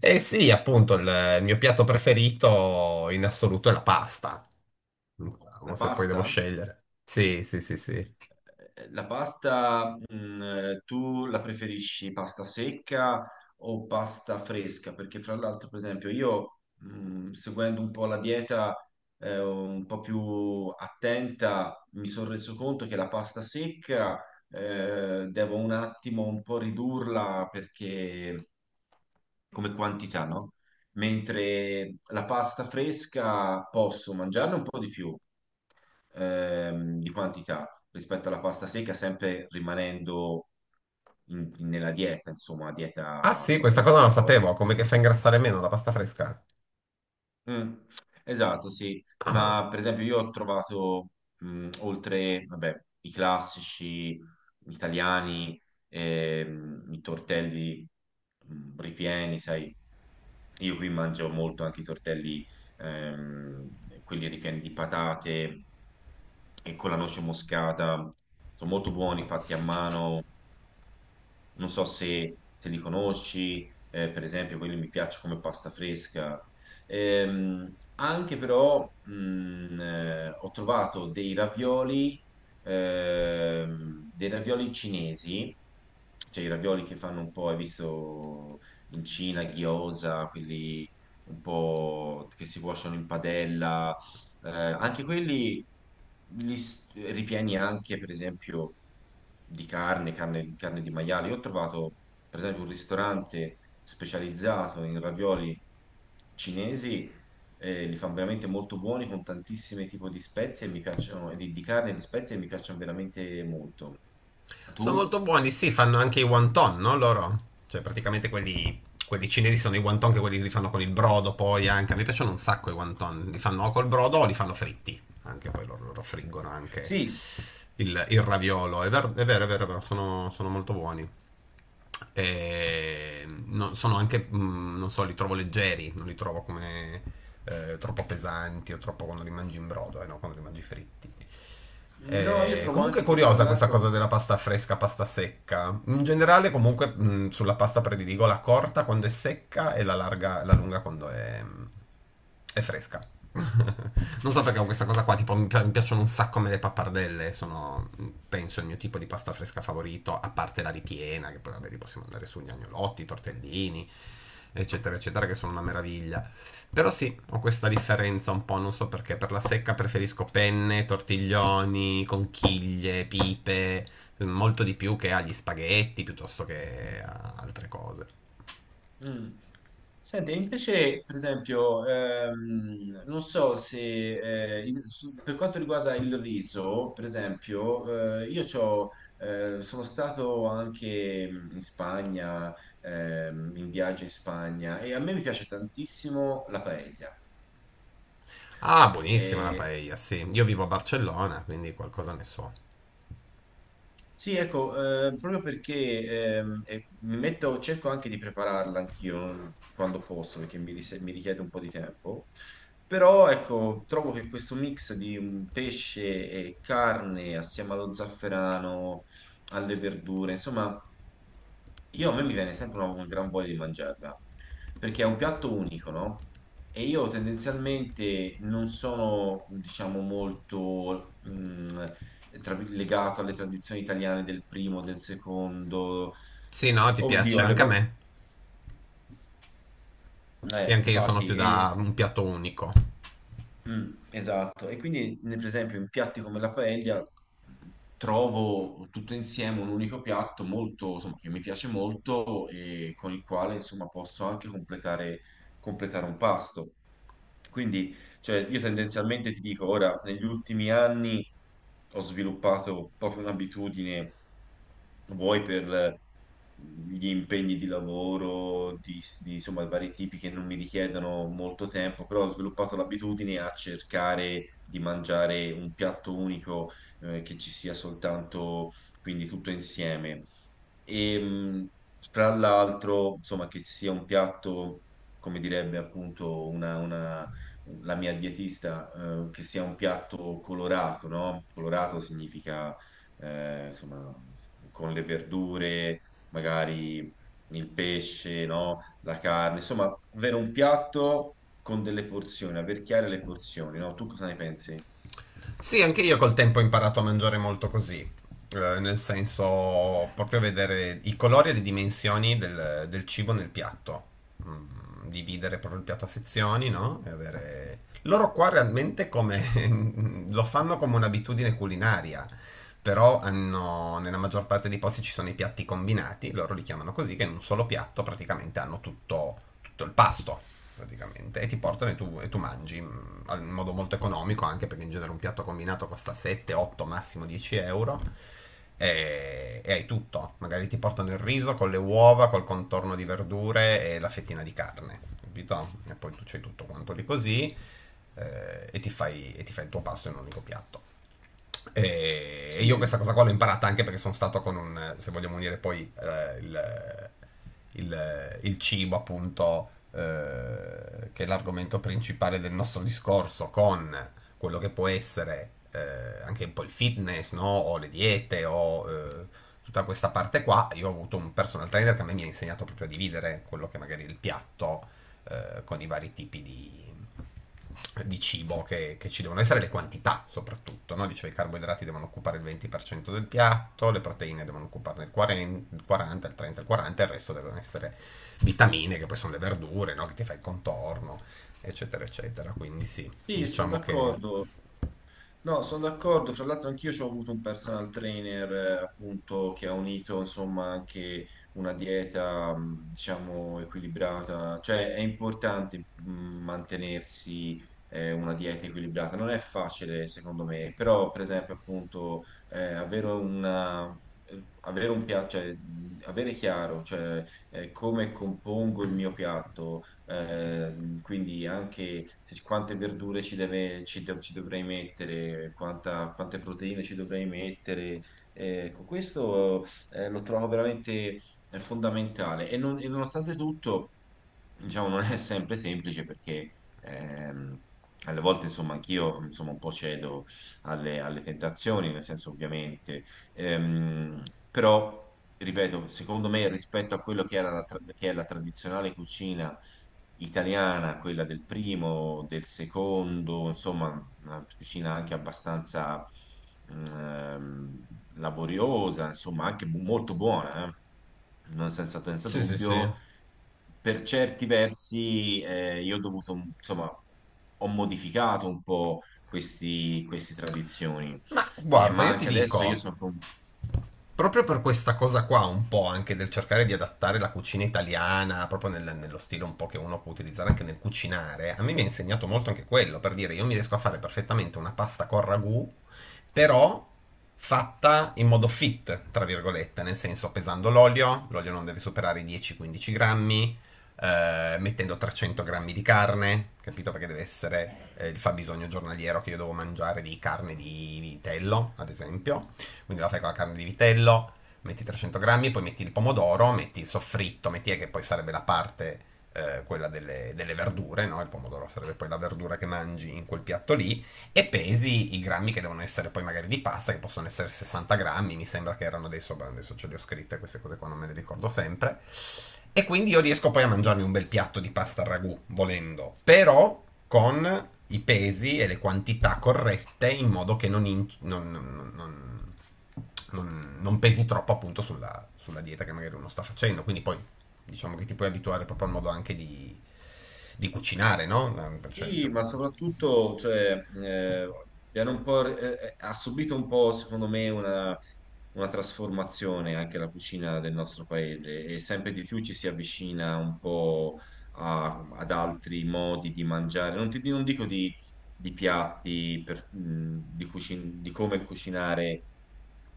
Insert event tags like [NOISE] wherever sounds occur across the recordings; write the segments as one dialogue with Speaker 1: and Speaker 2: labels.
Speaker 1: Eh sì, appunto, il mio piatto preferito in assoluto è la pasta.
Speaker 2: La
Speaker 1: Diciamo, se poi devo
Speaker 2: pasta?
Speaker 1: scegliere. Sì, sì, sì, sì.
Speaker 2: La pasta, tu la preferisci pasta secca o pasta fresca? Perché fra l'altro, per esempio, io, seguendo un po' la dieta, un po' più attenta, mi sono reso conto che la pasta secca, devo un attimo un po' ridurla perché come quantità, no? Mentre la pasta fresca posso mangiarne un po' di più di quantità rispetto alla pasta secca, sempre rimanendo nella
Speaker 1: Ah
Speaker 2: dieta,
Speaker 1: sì,
Speaker 2: insomma,
Speaker 1: questa cosa non la
Speaker 2: ipocalorica.
Speaker 1: sapevo. Come, che fa ingrassare meno la pasta fresca?
Speaker 2: Mm, esatto, sì, ma
Speaker 1: Ah.
Speaker 2: per esempio io ho trovato, oltre, vabbè, i classici italiani, i tortelli, ripieni, sai, io qui mangio molto anche i tortelli, quelli ripieni di patate e con la noce moscata, sono molto buoni, fatti a mano, non so se li conosci, per esempio, quelli mi piace come pasta fresca. Anche però ho trovato dei ravioli cinesi, cioè i ravioli che fanno un po', hai visto in Cina, gyoza, quelli un po' che si cuociono in padella anche quelli ripieni anche, per esempio, di carne, carne di maiale. Io ho trovato, per esempio, un ristorante specializzato in ravioli cinesi, li fanno veramente molto buoni con tantissimi tipi di spezie e mi piacciono, di carne e di spezie e mi piacciono veramente molto.
Speaker 1: Sono molto
Speaker 2: Tu?
Speaker 1: buoni, sì, fanno anche i wonton, no? Loro? Cioè, praticamente quelli, quelli cinesi sono i wonton, che quelli che li fanno con il brodo poi anche. Mi piacciono un sacco i wonton. Li fanno o col brodo o li fanno fritti. Anche poi loro friggono anche
Speaker 2: Sì,
Speaker 1: il raviolo. È vero, è vero, è vero, è vero, sono molto buoni. Sono anche, non so, li trovo leggeri, non li trovo come troppo pesanti o troppo quando li mangi in brodo, no? Quando li mangi fritti.
Speaker 2: no, io trovo
Speaker 1: Comunque è
Speaker 2: anche che, fra
Speaker 1: curiosa questa cosa
Speaker 2: l'altro,
Speaker 1: della pasta fresca, pasta secca. In generale, comunque, sulla pasta prediligo la corta quando è secca e la larga, la lunga quando è fresca. [LAUGHS] Non so perché ho questa cosa qua, tipo mi piacciono un sacco a me le pappardelle, sono penso il mio tipo di pasta fresca favorito, a parte la ripiena, che poi vabbè, li possiamo andare su gli agnolotti, i tortellini, eccetera, eccetera, che sono una meraviglia. Però sì, ho questa differenza un po', non so perché. Per la secca preferisco penne, tortiglioni, conchiglie, pipe, molto di più che agli spaghetti piuttosto che a altre cose.
Speaker 2: mm, senti, invece, per esempio, non so se per quanto riguarda il riso, per esempio, io c'ho, sono stato anche in Spagna, in viaggio in Spagna, e a me mi piace tantissimo la paella.
Speaker 1: Ah, buonissima la paella, sì. Io vivo a Barcellona, quindi qualcosa ne so.
Speaker 2: Sì, ecco, proprio perché e mi metto, cerco anche di prepararla anch'io quando posso, perché mi richiede un po' di tempo. Però, ecco, trovo che questo mix di un pesce e carne assieme allo zafferano, alle verdure, insomma, io a me mi viene sempre un gran voglia di mangiarla, perché è un piatto unico, no? E io tendenzialmente non sono, diciamo, molto legato alle tradizioni italiane del primo, del secondo,
Speaker 1: Sì, no, ti
Speaker 2: oddio,
Speaker 1: piace
Speaker 2: alle
Speaker 1: anche a
Speaker 2: volte,
Speaker 1: me. Sì, anche io sono più
Speaker 2: difatti,
Speaker 1: da un piatto unico.
Speaker 2: Mm, esatto, e quindi per esempio in piatti come la paella trovo tutto insieme un unico piatto molto, insomma, che mi piace molto e con il quale insomma posso anche completare, completare un pasto. Quindi, cioè, io tendenzialmente ti dico, ora, negli ultimi anni ho sviluppato proprio un'abitudine vuoi per gli impegni di lavoro, insomma vari tipi che non mi richiedono molto tempo, però ho sviluppato l'abitudine a cercare di mangiare un piatto unico che ci sia soltanto, quindi tutto insieme. E fra l'altro, insomma, che sia un piatto, come direbbe appunto una- la mia dietista, che sia un piatto colorato, no? Colorato significa insomma, con le verdure, magari il pesce, no? La carne, insomma, avere un piatto con delle porzioni, aver chiare le porzioni, no? Tu cosa ne pensi?
Speaker 1: Sì, anche io col tempo ho imparato a mangiare molto così. Nel senso, proprio vedere i colori e le dimensioni del cibo nel piatto. Mm, dividere proprio il piatto a sezioni, no? E avere. Loro qua realmente come [LAUGHS] lo fanno come un'abitudine culinaria. Però hanno, nella maggior parte dei posti ci sono i piatti combinati, loro li chiamano così, che in un solo piatto praticamente hanno tutto, tutto il pasto praticamente, e ti portano e tu mangi in modo molto economico anche perché in genere un piatto combinato costa 7, 8, massimo 10 euro e hai tutto, magari ti portano il riso con le uova, col contorno di verdure e la fettina di carne, capito? E poi tu c'hai tutto quanto lì così ti fai il tuo pasto in un unico piatto. E
Speaker 2: Sì,
Speaker 1: io questa cosa qua l'ho imparata anche perché sono stato con un, se vogliamo unire poi il cibo, appunto, che è l'argomento principale del nostro discorso, con quello che può essere anche un po' il fitness, no? O le diete, o tutta questa parte qua. Io ho avuto un personal trainer che a me mi ha insegnato proprio a dividere quello che magari è il piatto con i vari tipi di cibo che ci devono essere, le quantità soprattutto, no? Dicevo, i carboidrati devono occupare il 20% del piatto, le proteine devono occuparne il 40, il 40, il 30, il 40, il resto devono essere vitamine, che poi sono le verdure, no? Che ti fai il contorno, eccetera, eccetera. Quindi sì,
Speaker 2: sì, sono
Speaker 1: diciamo che.
Speaker 2: d'accordo. No, sono d'accordo. Fra l'altro, anch'io ho avuto un personal trainer, appunto, che ha unito, insomma, anche una dieta, diciamo, equilibrata. Cioè, è importante, mantenersi, una dieta equilibrata. Non è facile, secondo me, però, per esempio, appunto, avere una... Avere un piatto, cioè, avere chiaro, cioè, come compongo il mio piatto, eh, quindi anche quante verdure ci deve- ci do- ci dovrei mettere, quante proteine ci dovrei mettere. Ecco, questo lo trovo veramente fondamentale e nonostante tutto, diciamo, non è sempre semplice perché ehm, alle volte, insomma, anch'io insomma, un po' cedo alle tentazioni, nel senso ovviamente, ehm, però ripeto, secondo me rispetto a quello che che è la tradizionale cucina italiana, quella del primo, del secondo, insomma, una cucina anche abbastanza ehm, laboriosa, insomma, anche molto buona, non senza
Speaker 1: Sì, sì, sì.
Speaker 2: dubbio. Per certi versi, io ho dovuto, insomma, ho modificato un po' queste tradizioni.
Speaker 1: Ma guarda,
Speaker 2: Ma
Speaker 1: io ti
Speaker 2: anche adesso io
Speaker 1: dico.
Speaker 2: sono
Speaker 1: Proprio per questa cosa qua, un po' anche del cercare di adattare la cucina italiana, proprio nello stile un po' che uno può utilizzare anche nel cucinare, a me mi ha insegnato molto anche quello, per dire, io mi riesco a fare perfettamente una pasta con ragù, però fatta in modo fit, tra virgolette, nel senso pesando l'olio, l'olio non deve superare i 10-15 grammi, mettendo 300 grammi di carne, capito? Perché deve essere il fabbisogno giornaliero che io devo mangiare di carne di vitello, ad esempio, quindi la fai con la carne di vitello, metti 300 grammi, poi metti il pomodoro, metti il soffritto, metti che poi sarebbe la parte, quella delle verdure, no? Il pomodoro sarebbe poi la verdura che mangi in quel piatto lì, e pesi i grammi che devono essere poi magari di pasta, che possono essere 60 grammi, mi sembra che erano adesso, beh, adesso ce le ho scritte queste cose qua, non me le ricordo sempre. E quindi io riesco poi a mangiarmi un bel piatto di pasta al ragù, volendo, però con i pesi e le quantità corrette in modo che non, non pesi troppo appunto sulla dieta che magari uno sta facendo. Quindi poi diciamo che ti puoi abituare proprio al modo anche di cucinare, no? Cioè,
Speaker 2: Sì,
Speaker 1: cioè,
Speaker 2: ma soprattutto, cioè, abbiamo un po' ha subito un po', secondo me, una trasformazione anche la cucina del nostro paese e sempre di più ci si avvicina un po' ad altri modi di mangiare. Non dico di piatti, di come cucinare,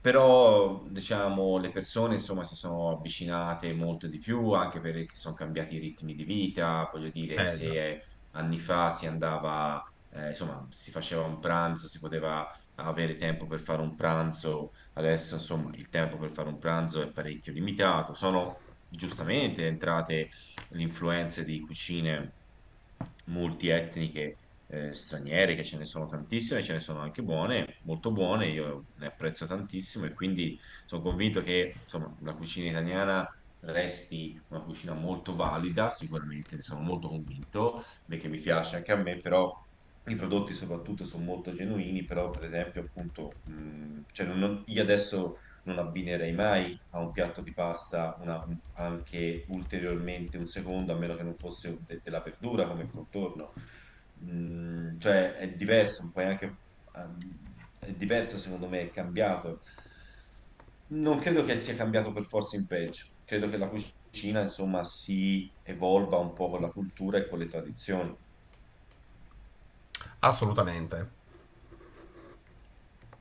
Speaker 2: però, diciamo, le persone, insomma, si sono avvicinate molto di più anche perché sono cambiati i ritmi di vita, voglio dire,
Speaker 1: eh
Speaker 2: se
Speaker 1: già.
Speaker 2: è anni fa si andava, insomma, si faceva un pranzo, si poteva avere tempo per fare un pranzo, adesso insomma il tempo per fare un pranzo è parecchio limitato. Sono giustamente entrate le influenze di cucine multietniche straniere, che ce ne sono tantissime, ce ne sono anche buone, molto buone, io ne apprezzo tantissimo e quindi sono convinto che insomma, la cucina italiana resti una cucina molto valida, sicuramente ne sono molto convinto, perché mi piace anche a me, però i prodotti soprattutto sono molto genuini, però per esempio appunto, cioè io adesso non abbinerei mai a un piatto di pasta anche ulteriormente un secondo, a meno che non fosse della verdura come contorno. Mm, cioè è diverso, poi anche è diverso secondo me, è cambiato. Non credo che sia cambiato per forza in peggio. Credo che la cucina, insomma, si evolva un po' con la cultura e con le tradizioni.
Speaker 1: Assolutamente.